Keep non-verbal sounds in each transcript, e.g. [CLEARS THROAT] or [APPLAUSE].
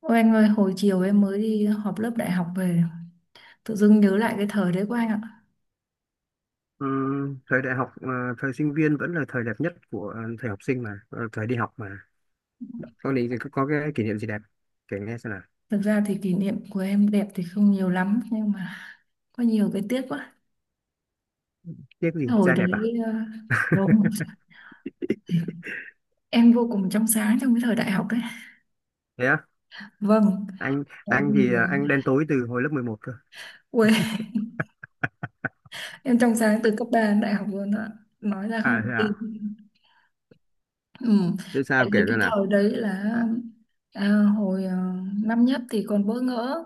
Ôi anh ơi, hồi chiều em mới đi họp lớp đại học về, tự dưng nhớ lại cái thời đấy của anh ạ. Ờ, Thời đại học thời sinh viên vẫn là thời đẹp nhất của thời học sinh mà thời đi học mà con định có cái kỷ niệm gì đẹp kể nghe xem nào. Thực ra thì kỷ niệm của em đẹp thì không nhiều lắm, nhưng mà có nhiều cái tiếc quá. Tiếc gì Hồi trai đẹp à? đấy, vâng, [LAUGHS] em vô cùng trong sáng trong cái thời đại học đấy. Thế á? Vâng, anh tại anh vì, thì anh đen tối từ hồi lớp 11 cơ. ui, [LAUGHS] em trong sáng từ cấp 3 đến đại học luôn ạ. Nói ra không tin. À? Ừ. Thế Tại sao vì kể cái ra nào? thời đấy là à, hồi năm nhất thì còn bỡ ngỡ,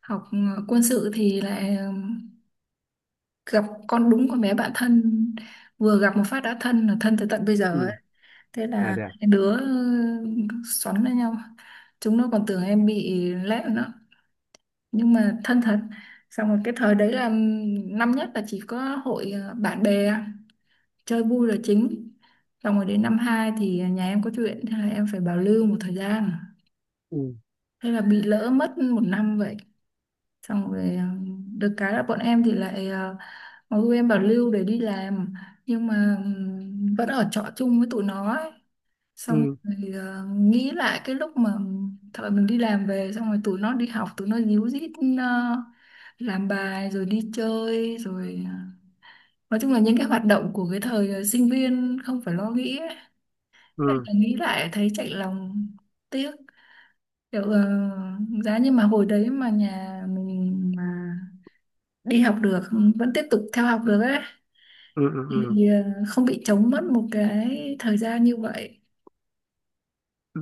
học quân sự thì lại gặp con đúng con bé bạn thân, vừa gặp một phát đã thân là thân tới tận bây giờ Ừ. ấy. Thế À là thế à? hai đứa xoắn lên nhau, chúng nó còn tưởng em bị lẹm nữa nhưng mà thân thật. Xong rồi cái thời đấy là năm nhất là chỉ có hội bạn bè, chơi vui là chính. Xong rồi đến năm hai thì nhà em có chuyện, thế là em phải bảo lưu một thời gian, Ừ thế là bị lỡ mất một năm vậy. Xong rồi được cái là bọn em thì lại em bảo lưu để đi làm, nhưng mà vẫn ở trọ chung với tụi nó ấy. Xong ừ rồi nghĩ lại cái lúc mà thời mình đi làm về xong rồi tụi nó đi học, tụi nó díu dít ờ, làm bài rồi đi chơi rồi nói chung là những cái hoạt động của cái thời sinh viên không phải lo nghĩ ấy. Thế ừ. là nghĩ lại thấy chạnh lòng, tiếc, kiểu giá như mà hồi đấy mà nhà mình mà đi học được, vẫn tiếp tục theo học được ấy, Ừ ừ ừ thì không bị trống mất một cái thời gian như vậy. ừ.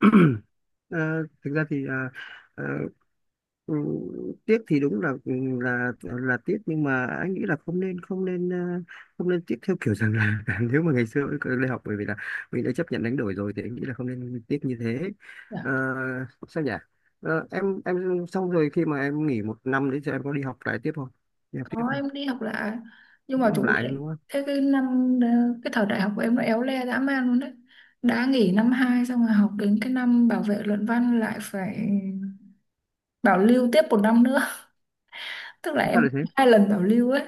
[CLEARS THROAT] Thực ra thì ờ, Ừ, tiếc thì đúng là ừ, là tiếc nhưng mà anh nghĩ là không nên tiếc theo kiểu rằng là, [LAUGHS] nếu mà ngày xưa mình đi học, bởi vì là mình đã chấp nhận đánh đổi rồi thì anh nghĩ là không nên tiếc như thế. Ờ, Dạ. Sao nhỉ? Em xong rồi khi mà em nghỉ một năm đấy thì em có đi học lại tiếp không, đi học tiếp Có không, em đi học lại, nhưng mà đi học chủ lại đề đúng không? thế. Cái năm cái thời đại học của em nó éo le dã man luôn đấy, đã nghỉ năm 2 xong rồi học đến cái năm bảo vệ luận văn lại phải bảo lưu tiếp một năm nữa. [LAUGHS] Tức là Sao em lại thế? 2 lần bảo lưu ấy,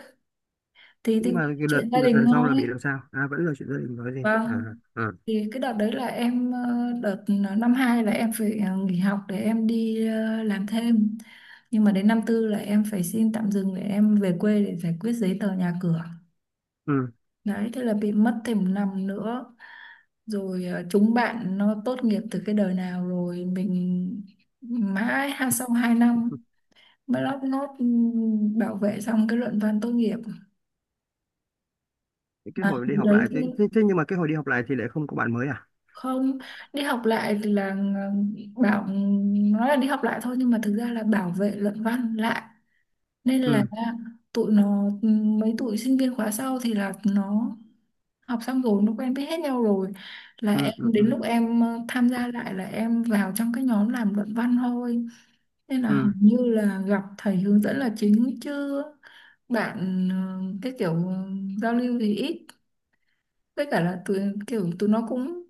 thì Nhưng mà cái đợt chuyện gia đợt đình lần sau là bị thôi. làm sao à, vẫn là chuyện gia đình nói gì à, Vâng, à? thì cái đợt đấy là em đợt năm hai là em phải nghỉ học để em đi làm thêm. Nhưng mà đến năm tư là em phải xin tạm dừng để em về quê để giải quyết giấy tờ nhà cửa Ừ. đấy, thế là bị mất thêm một năm nữa. Rồi chúng bạn nó tốt nghiệp từ cái đời nào rồi mình mãi ha sau 2 năm mới lót nốt, bảo vệ xong cái luận văn tốt nghiệp Cái mà. hồi đi học Đấy, lại thế nhưng mà cái hồi đi học lại thì lại không có bạn mới à? không. Đi học lại thì là bảo, nói là đi học lại thôi nhưng mà thực ra là bảo vệ luận văn lại, nên là Ừ tụi nó, mấy tụi sinh viên khóa sau thì là nó học xong rồi nó quen biết hết nhau rồi, là ừ em ừ. đến Ừ lúc em tham gia lại là em vào trong cái nhóm làm luận văn thôi, nên là hầu ừ. như là gặp thầy hướng dẫn là chính chứ bạn, cái kiểu giao lưu thì ít, với cả là tụi, kiểu tụi nó cũng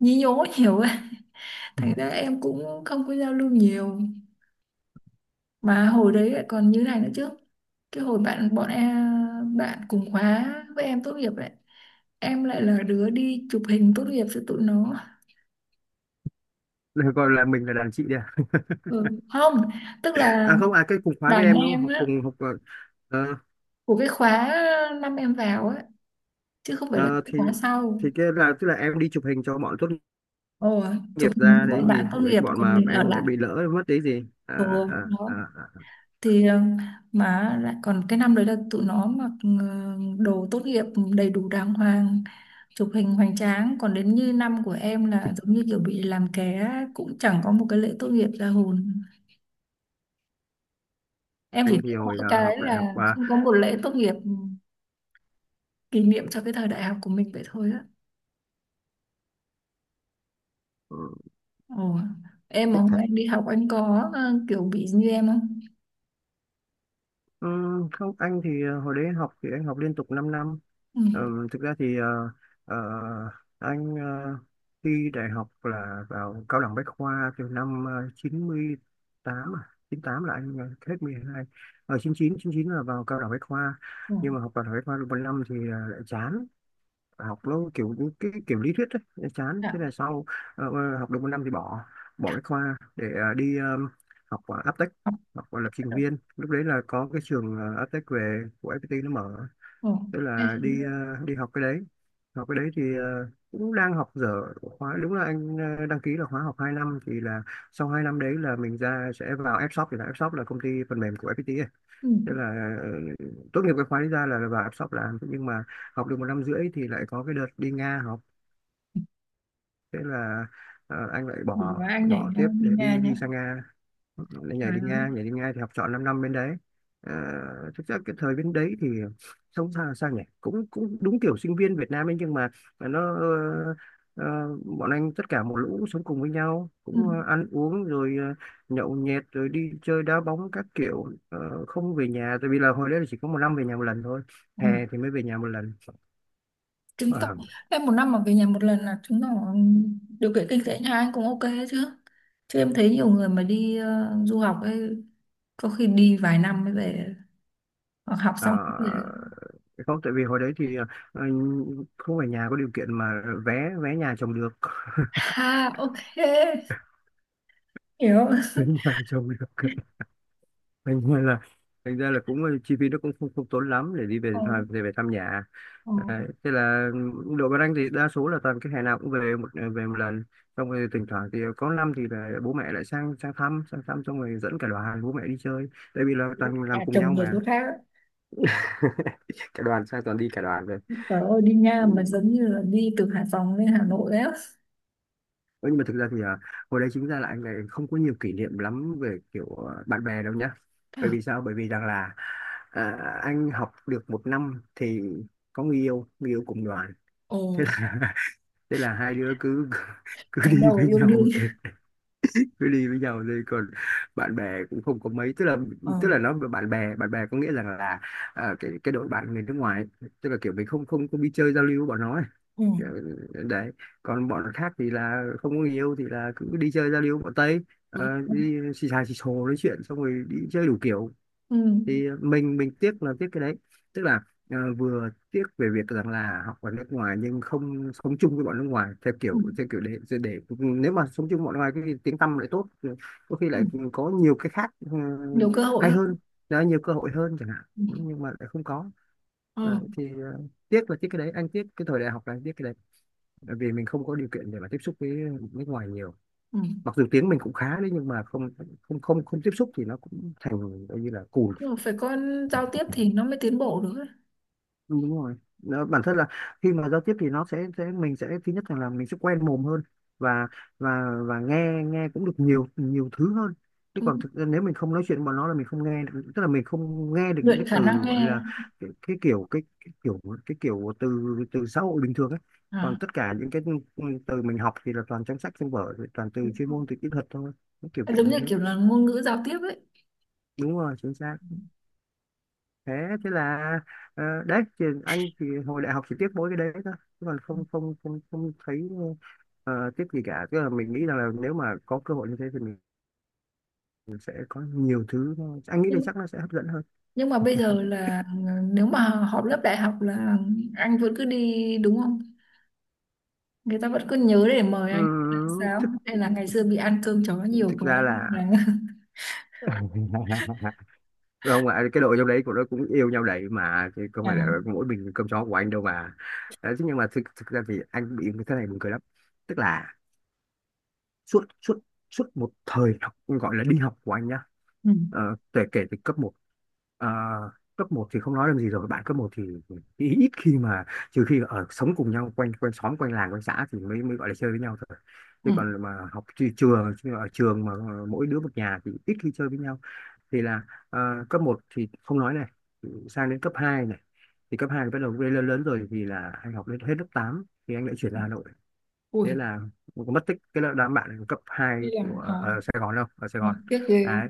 nhí nhố [LAUGHS] nhiều ấy, thành ra em cũng không có giao lưu nhiều. Mà hồi đấy lại còn như này nữa chứ, cái hồi bạn bọn em bạn cùng khóa với em tốt nghiệp ấy, em lại là đứa đi chụp hình tốt nghiệp cho tụi nó. Được gọi là mình là đàn chị đi à? Ừ. Không, tức là À không, à cái cùng khóa với đàn em đúng không? em Học á, cùng học ờ, của cái khóa năm em vào á, chứ không phải là ờ, cái thì khóa sau. thì cái là tức là em đi chụp hình cho bọn tốt Ồ, chụp nghiệp hình ra cho bọn đấy gì, bạn tốt với nghiệp cái bọn còn mà mình ở em lại. bị lỡ mất đấy gì à, Ừ, à, à, đó. à. Thì mà lại còn cái năm đấy là tụi nó mặc đồ tốt nghiệp đầy đủ đàng hoàng, chụp hình hoành tráng, còn đến như năm của em là giống như kiểu bị làm ké, cũng chẳng có một cái lễ tốt nghiệp ra hồn. Em chỉ Anh biết thì hồi mỗi cái học đại học là không có một lễ tốt nghiệp kỷ niệm cho cái thời đại học của mình vậy thôi á. Ồ. Em mà hôm uh, anh đi học anh có kiểu bị như em không? Không, anh thì hồi đấy anh học thì anh học liên tục 5 năm. Ừ. Thực ra thì ờ, anh ờ, thi đại học là vào cao đẳng Bách khoa từ năm 98, à 98 là anh hết mười hai, ở chín chín là vào cao đẳng Bách khoa. Ồ. Nhưng mà học cao đẳng Bách khoa được một năm thì lại chán, học nó kiểu cái kiểu lý thuyết ấy, nó chán. Dạ. Thế là sau học được một năm thì bỏ, bỏ bách khoa để đi học Aptech, Học học lập bắt trình đầu. viên, lúc đấy là có cái trường Aptech về của FPT nó mở. Ồ. Thế Em là thì- đi đi học cái đấy, học cái đấy thì cũng đang học dở khóa. Đúng là anh đăng ký là khóa học 2 năm thì là sau 2 năm đấy là mình ra sẽ vào Fshop, thì là Fshop là công ty phần mềm của FPT. Ừ. Thế là ờ, tốt nghiệp cái khóa đấy ra là vào áp shop làm. Thế nhưng mà học được một năm rưỡi thì lại có cái đợt đi Nga học. Thế là anh lại Đừng bỏ, nói anh nhảy bỏ ra tiếp như để Nga đi nhá. đi sang Nga, nó nhảy Trời đi ơi. Nga, nhảy đi Nga thì học trọn 5 năm bên đấy. À, thực ra cái thời bên đấy thì sống sao, sao nhỉ, cũng cũng đúng kiểu sinh viên Việt Nam ấy, nhưng mà nó ờ, bọn anh tất cả một lũ sống cùng với nhau, Ừ. cũng ăn uống rồi nhậu nhẹt rồi đi chơi đá bóng các kiểu. Ờ, không về nhà, tại vì là hồi đấy là chỉ có một năm về nhà một lần thôi, Ừ. hè thì mới về nhà một lần. Chứng tỏ Ờ, em một năm mà về nhà một lần là chứng tỏ điều kiện kinh tế nhà anh cũng ok chứ. Chứ em thấy nhiều người mà đi du học ấy, có khi đi vài năm mới về, hoặc học ờ, xong mới về. Không, tại vì hồi đấy thì ờ, không phải nhà có điều kiện mà vé vé nhà trồng được. Ha, ok, hiểu. Tính nhà chồng được. [LAUGHS] thành ra là thành ra là cũng chi phí nó cũng không tốn lắm để đi Ờ, về thăm, về thăm nhà. ờ, Đấy. Thế là đội Văn Anh thì đa số là toàn cái hè nào cũng về một về một lần, xong rồi thỉnh thoảng thì có năm thì là bố mẹ lại sang sang thăm sang thăm, xong rồi dẫn cả đoàn bố mẹ đi chơi, tại vì là toàn làm nhà cùng chồng nhau người mà. chỗ khác, ấy. [LAUGHS] Cả đoàn sang, toàn đi cả đoàn về. Trời ơi, đi Nha mà giống như là đi từ Hải Phòng lên Hà Nội đấy á. Ừ, nhưng mà thực ra thì hồi đấy chính ra là anh này không có nhiều kỷ niệm lắm về kiểu bạn bè đâu nhá, bởi À. vì sao, bởi vì rằng là à, anh học được một năm thì có người yêu, người yêu cùng đoàn. Ồ, Thế là [LAUGHS] thế là hai đứa cứ cứ cắm đi đầu với yêu đương. nhau, cứ đi với nhau đi, còn bạn bè cũng không có mấy, Ờ, tức là nó bạn bè có nghĩa rằng là cái đội bạn người nước ngoài ấy, tức là kiểu mình không không không đi chơi giao lưu với bọn nó ấy. ừ, Kiểu, đấy, còn bọn khác thì là không có người yêu thì là cứ đi chơi giao lưu với bọn Tây. Ờ, đúng. đi xì xà xì xồ nói chuyện xong rồi đi chơi đủ kiểu, Ừ, thì mình tiếc là tiếc cái đấy, tức là vừa tiếc về việc rằng là học ở nước ngoài nhưng không sống chung với bọn nước ngoài, ừ, theo kiểu để nếu mà sống chung với bọn nước ngoài cái tiếng tăm lại tốt, có khi ừ. lại có nhiều cái khác ừ, Nhiều cơ hội hay hơn. hơn, đó, nhiều cơ hội hơn chẳng hạn. Ừ, Ừ, nhưng mà lại không có. Ờ, ừ. thì ờ, Tiếc là tiếc cái đấy, anh tiếc cái thời đại học là anh tiếc cái đấy, bởi vì mình không có điều kiện để mà tiếp xúc với nước ngoài nhiều, Ừ. mặc dù tiếng mình cũng khá đấy, nhưng mà không không không không tiếp xúc thì nó cũng thành coi như là cùn. Nhưng mà phải có giao tiếp thì nó mới tiến bộ được ấy. Ừ, đúng rồi. Nó, bản thân là khi mà giao tiếp thì nó sẽ mình sẽ thứ nhất là mình sẽ quen mồm hơn, và và nghe nghe cũng được nhiều nhiều thứ hơn. Chứ còn Đúng. thực ra nếu mình không nói chuyện với bọn nó là mình không nghe được, tức là mình không nghe được những Luyện cái khả từ năng gọi nghe. là cái, cái kiểu cái, cái kiểu cái kiểu từ từ xã hội bình thường ấy. Còn À. tất cả những cái từ mình học thì là toàn trong sách trong vở, toàn từ Đúng. chuyên môn từ kỹ thuật thôi. Nó kiểu kiểu Giống như như thế. kiểu là ngôn ngữ giao tiếp ấy. Đúng rồi, chính xác. Thế, thế là đấy thì anh thì hồi đại học chỉ tiếc mỗi cái đấy thôi, chứ còn không không không không thấy tiếc gì cả, tức là mình nghĩ rằng là nếu mà có cơ hội như thế thì mình sẽ có nhiều thứ nó, anh nghĩ là nhưng chắc nó sẽ hấp dẫn hơn. nhưng mà bây giờ là, nếu mà họp lớp đại học là anh vẫn cứ đi đúng không, người ta vẫn cứ nhớ để mời anh là sao, Thực hay là ngày xưa bị ăn cơm chó nhiều Thực quá ra là nên là. [LAUGHS] [LAUGHS] không ạ, cái đội trong đấy của nó cũng yêu nhau đấy mà, chứ không phải là À, mỗi mình cơm chó của anh đâu mà. Đấy, thế nhưng mà thực thực ra thì anh bị cái thế này buồn cười lắm, tức là suốt suốt suốt một thời học gọi là đi học của anh nhá. ừ, Ờ, kể kể từ cấp một, ờ, cấp một thì không nói làm gì rồi, bạn cấp một thì ít khi mà, trừ khi ở sống cùng nhau quanh quanh xóm quanh làng quanh xã thì mới mới gọi là chơi với nhau thôi, ừ. chứ còn mà học trường, chứ ở trường mà mỗi đứa một nhà thì ít khi chơi với nhau. Thì là cấp một thì không nói này, sang đến cấp 2 này, thì cấp 2 thì bắt đầu lên lớn lớn rồi thì là anh học lên hết lớp 8 thì anh lại chuyển ra Hà Nội. Thế Ui, là mình cũng mất tích cái lớp, đám bạn cấp 2 đi của làm khó, ở Sài Gòn, đâu ở Sài Gòn nó tiếc ghê. đấy.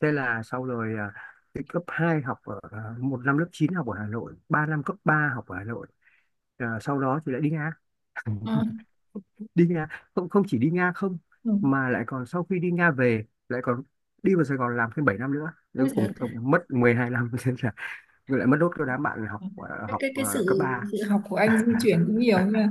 Thế là sau rồi cái cấp 2 học ở một năm lớp 9 học ở Hà Nội, 3 năm cấp 3 học ở Hà Nội. À, sau đó thì lại đi Nga, À, đi Nga, không không chỉ đi Nga không ừ. mà lại còn sau khi đi Nga về lại còn đi vào Sài Gòn làm thêm 7 năm nữa. Đấy, Ui cuối cùng giời. tổng mất 12 năm. [LAUGHS] Thế là lại mất đốt cho đám bạn học học Cái cấp sự ba. sự học của anh di chuyển cũng nhiều [LAUGHS] nha.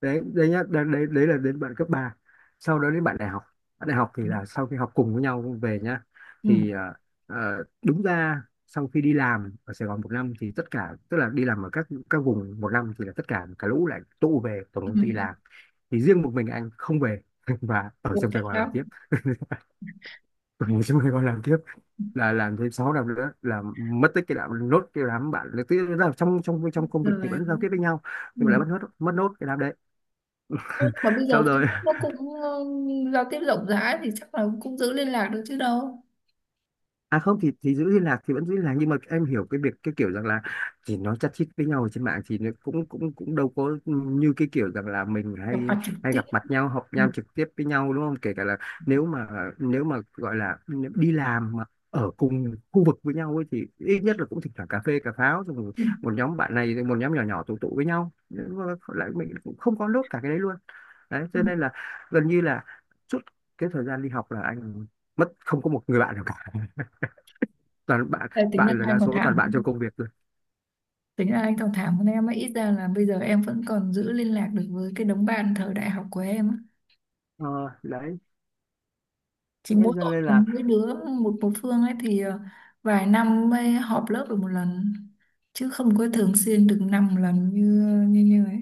Đấy, đấy nhá, đấy là đến bạn cấp ba, sau đó đến bạn đại học. Bạn đại học thì Ừ. là sau khi học cùng với nhau về nhá, thì đúng ra sau khi đi làm ở Sài Gòn một năm thì tất cả, tức là đi làm ở các vùng một năm, thì là tất cả cả lũ lại tụ về tổng Ừ. công ty làm, thì riêng một mình anh không về [LAUGHS] và ở Ủa, trong tại Sài Gòn làm sao? tiếp, ở trong Sài Gòn làm tiếp, là làm thêm 6 năm nữa, là mất tích cái đám nốt, cái đám bạn, tức là trong trong trong công việc Rồi, thì vẫn giao tiếp với nhau, nhưng mà lại ừ. mất nốt cái đám đấy. Thế mà bây giờ Sau rồi Facebook nó cũng, giao tiếp rộng rãi thì chắc là cũng giữ liên lạc được chứ đâu. à, không thì thì giữ liên lạc thì vẫn giữ liên lạc, nhưng mà em hiểu cái việc cái kiểu rằng là thì nó chát chít với nhau ở trên mạng thì nó cũng cũng cũng đâu có như cái kiểu rằng là mình Gặp hay mặt trực hay tiếp. gặp mặt nhau, họp Ừ, nhau trực tiếp với nhau, đúng không? Kể cả là nếu mà nếu mà gọi là nếu đi làm mà ở cùng khu vực với nhau ấy, thì ít nhất là cũng thỉnh thoảng cà phê cà pháo rồi một ừ, một nhóm bạn này, rồi một nhóm nhỏ nhỏ tụ tụ với nhau. Nhưng mà lại mình cũng không có nốt cả cái đấy luôn. Đấy ừ. cho nên là gần như là suốt cái thời gian đi học là anh mất, không có một người bạn nào cả, toàn bạn, Ê, bạn là đa số toàn bạn trong công việc rồi. tính là anh còn thảm hơn em ấy, ít ra là bây giờ em vẫn còn giữ liên lạc được với cái đống bạn thời đại học của em á. ờ, Đấy. Chỉ Thế mỗi cho tội nên là là mỗi đứa một một phương ấy, thì vài năm mới họp lớp được một lần chứ không có thường xuyên được 5 lần như như như ấy.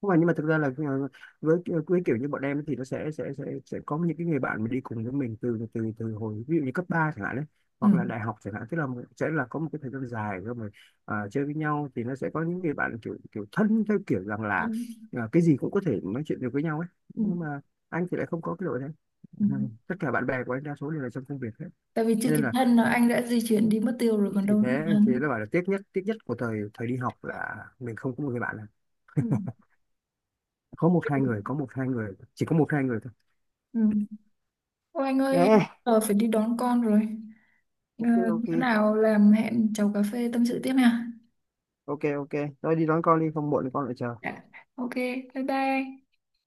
không phải, nhưng mà thực ra là với kiểu như bọn em thì nó sẽ có những cái người bạn mà đi cùng với mình từ từ từ hồi ví dụ như cấp 3 chẳng hạn đấy, Ừ. hoặc là đại học chẳng hạn, tức là sẽ là có một cái thời gian dài rồi mà chơi với nhau, thì nó sẽ có những người bạn kiểu kiểu thân theo kiểu rằng là Thân. Cái gì cũng có thể nói chuyện được với nhau ấy, Ừ. nhưng mà anh thì lại không có cái đội đấy. [LAUGHS] Ừ. Ừ, tất cả bạn bè của anh đa số đều là trong công việc hết. Tại vì chưa Thế nên kịp là, thân là anh đã di chuyển đi mất tiêu rồi còn thì đâu nữa thế mà thì thân. đã bảo là tiếc nhất của thời thời đi học là mình không có một người bạn nào, Ừ. có một hai người có một hai người chỉ có một hai người thôi. Ừ. Ôi anh ơi, em À, giờ phải đi đón con rồi. Ờ, ok. Ok bữa nào làm hẹn chầu cà phê tâm sự tiếp nha. ok ok, thôi đi đón con đi không muộn thì con lại chờ. Dạ. Ok, bye bye.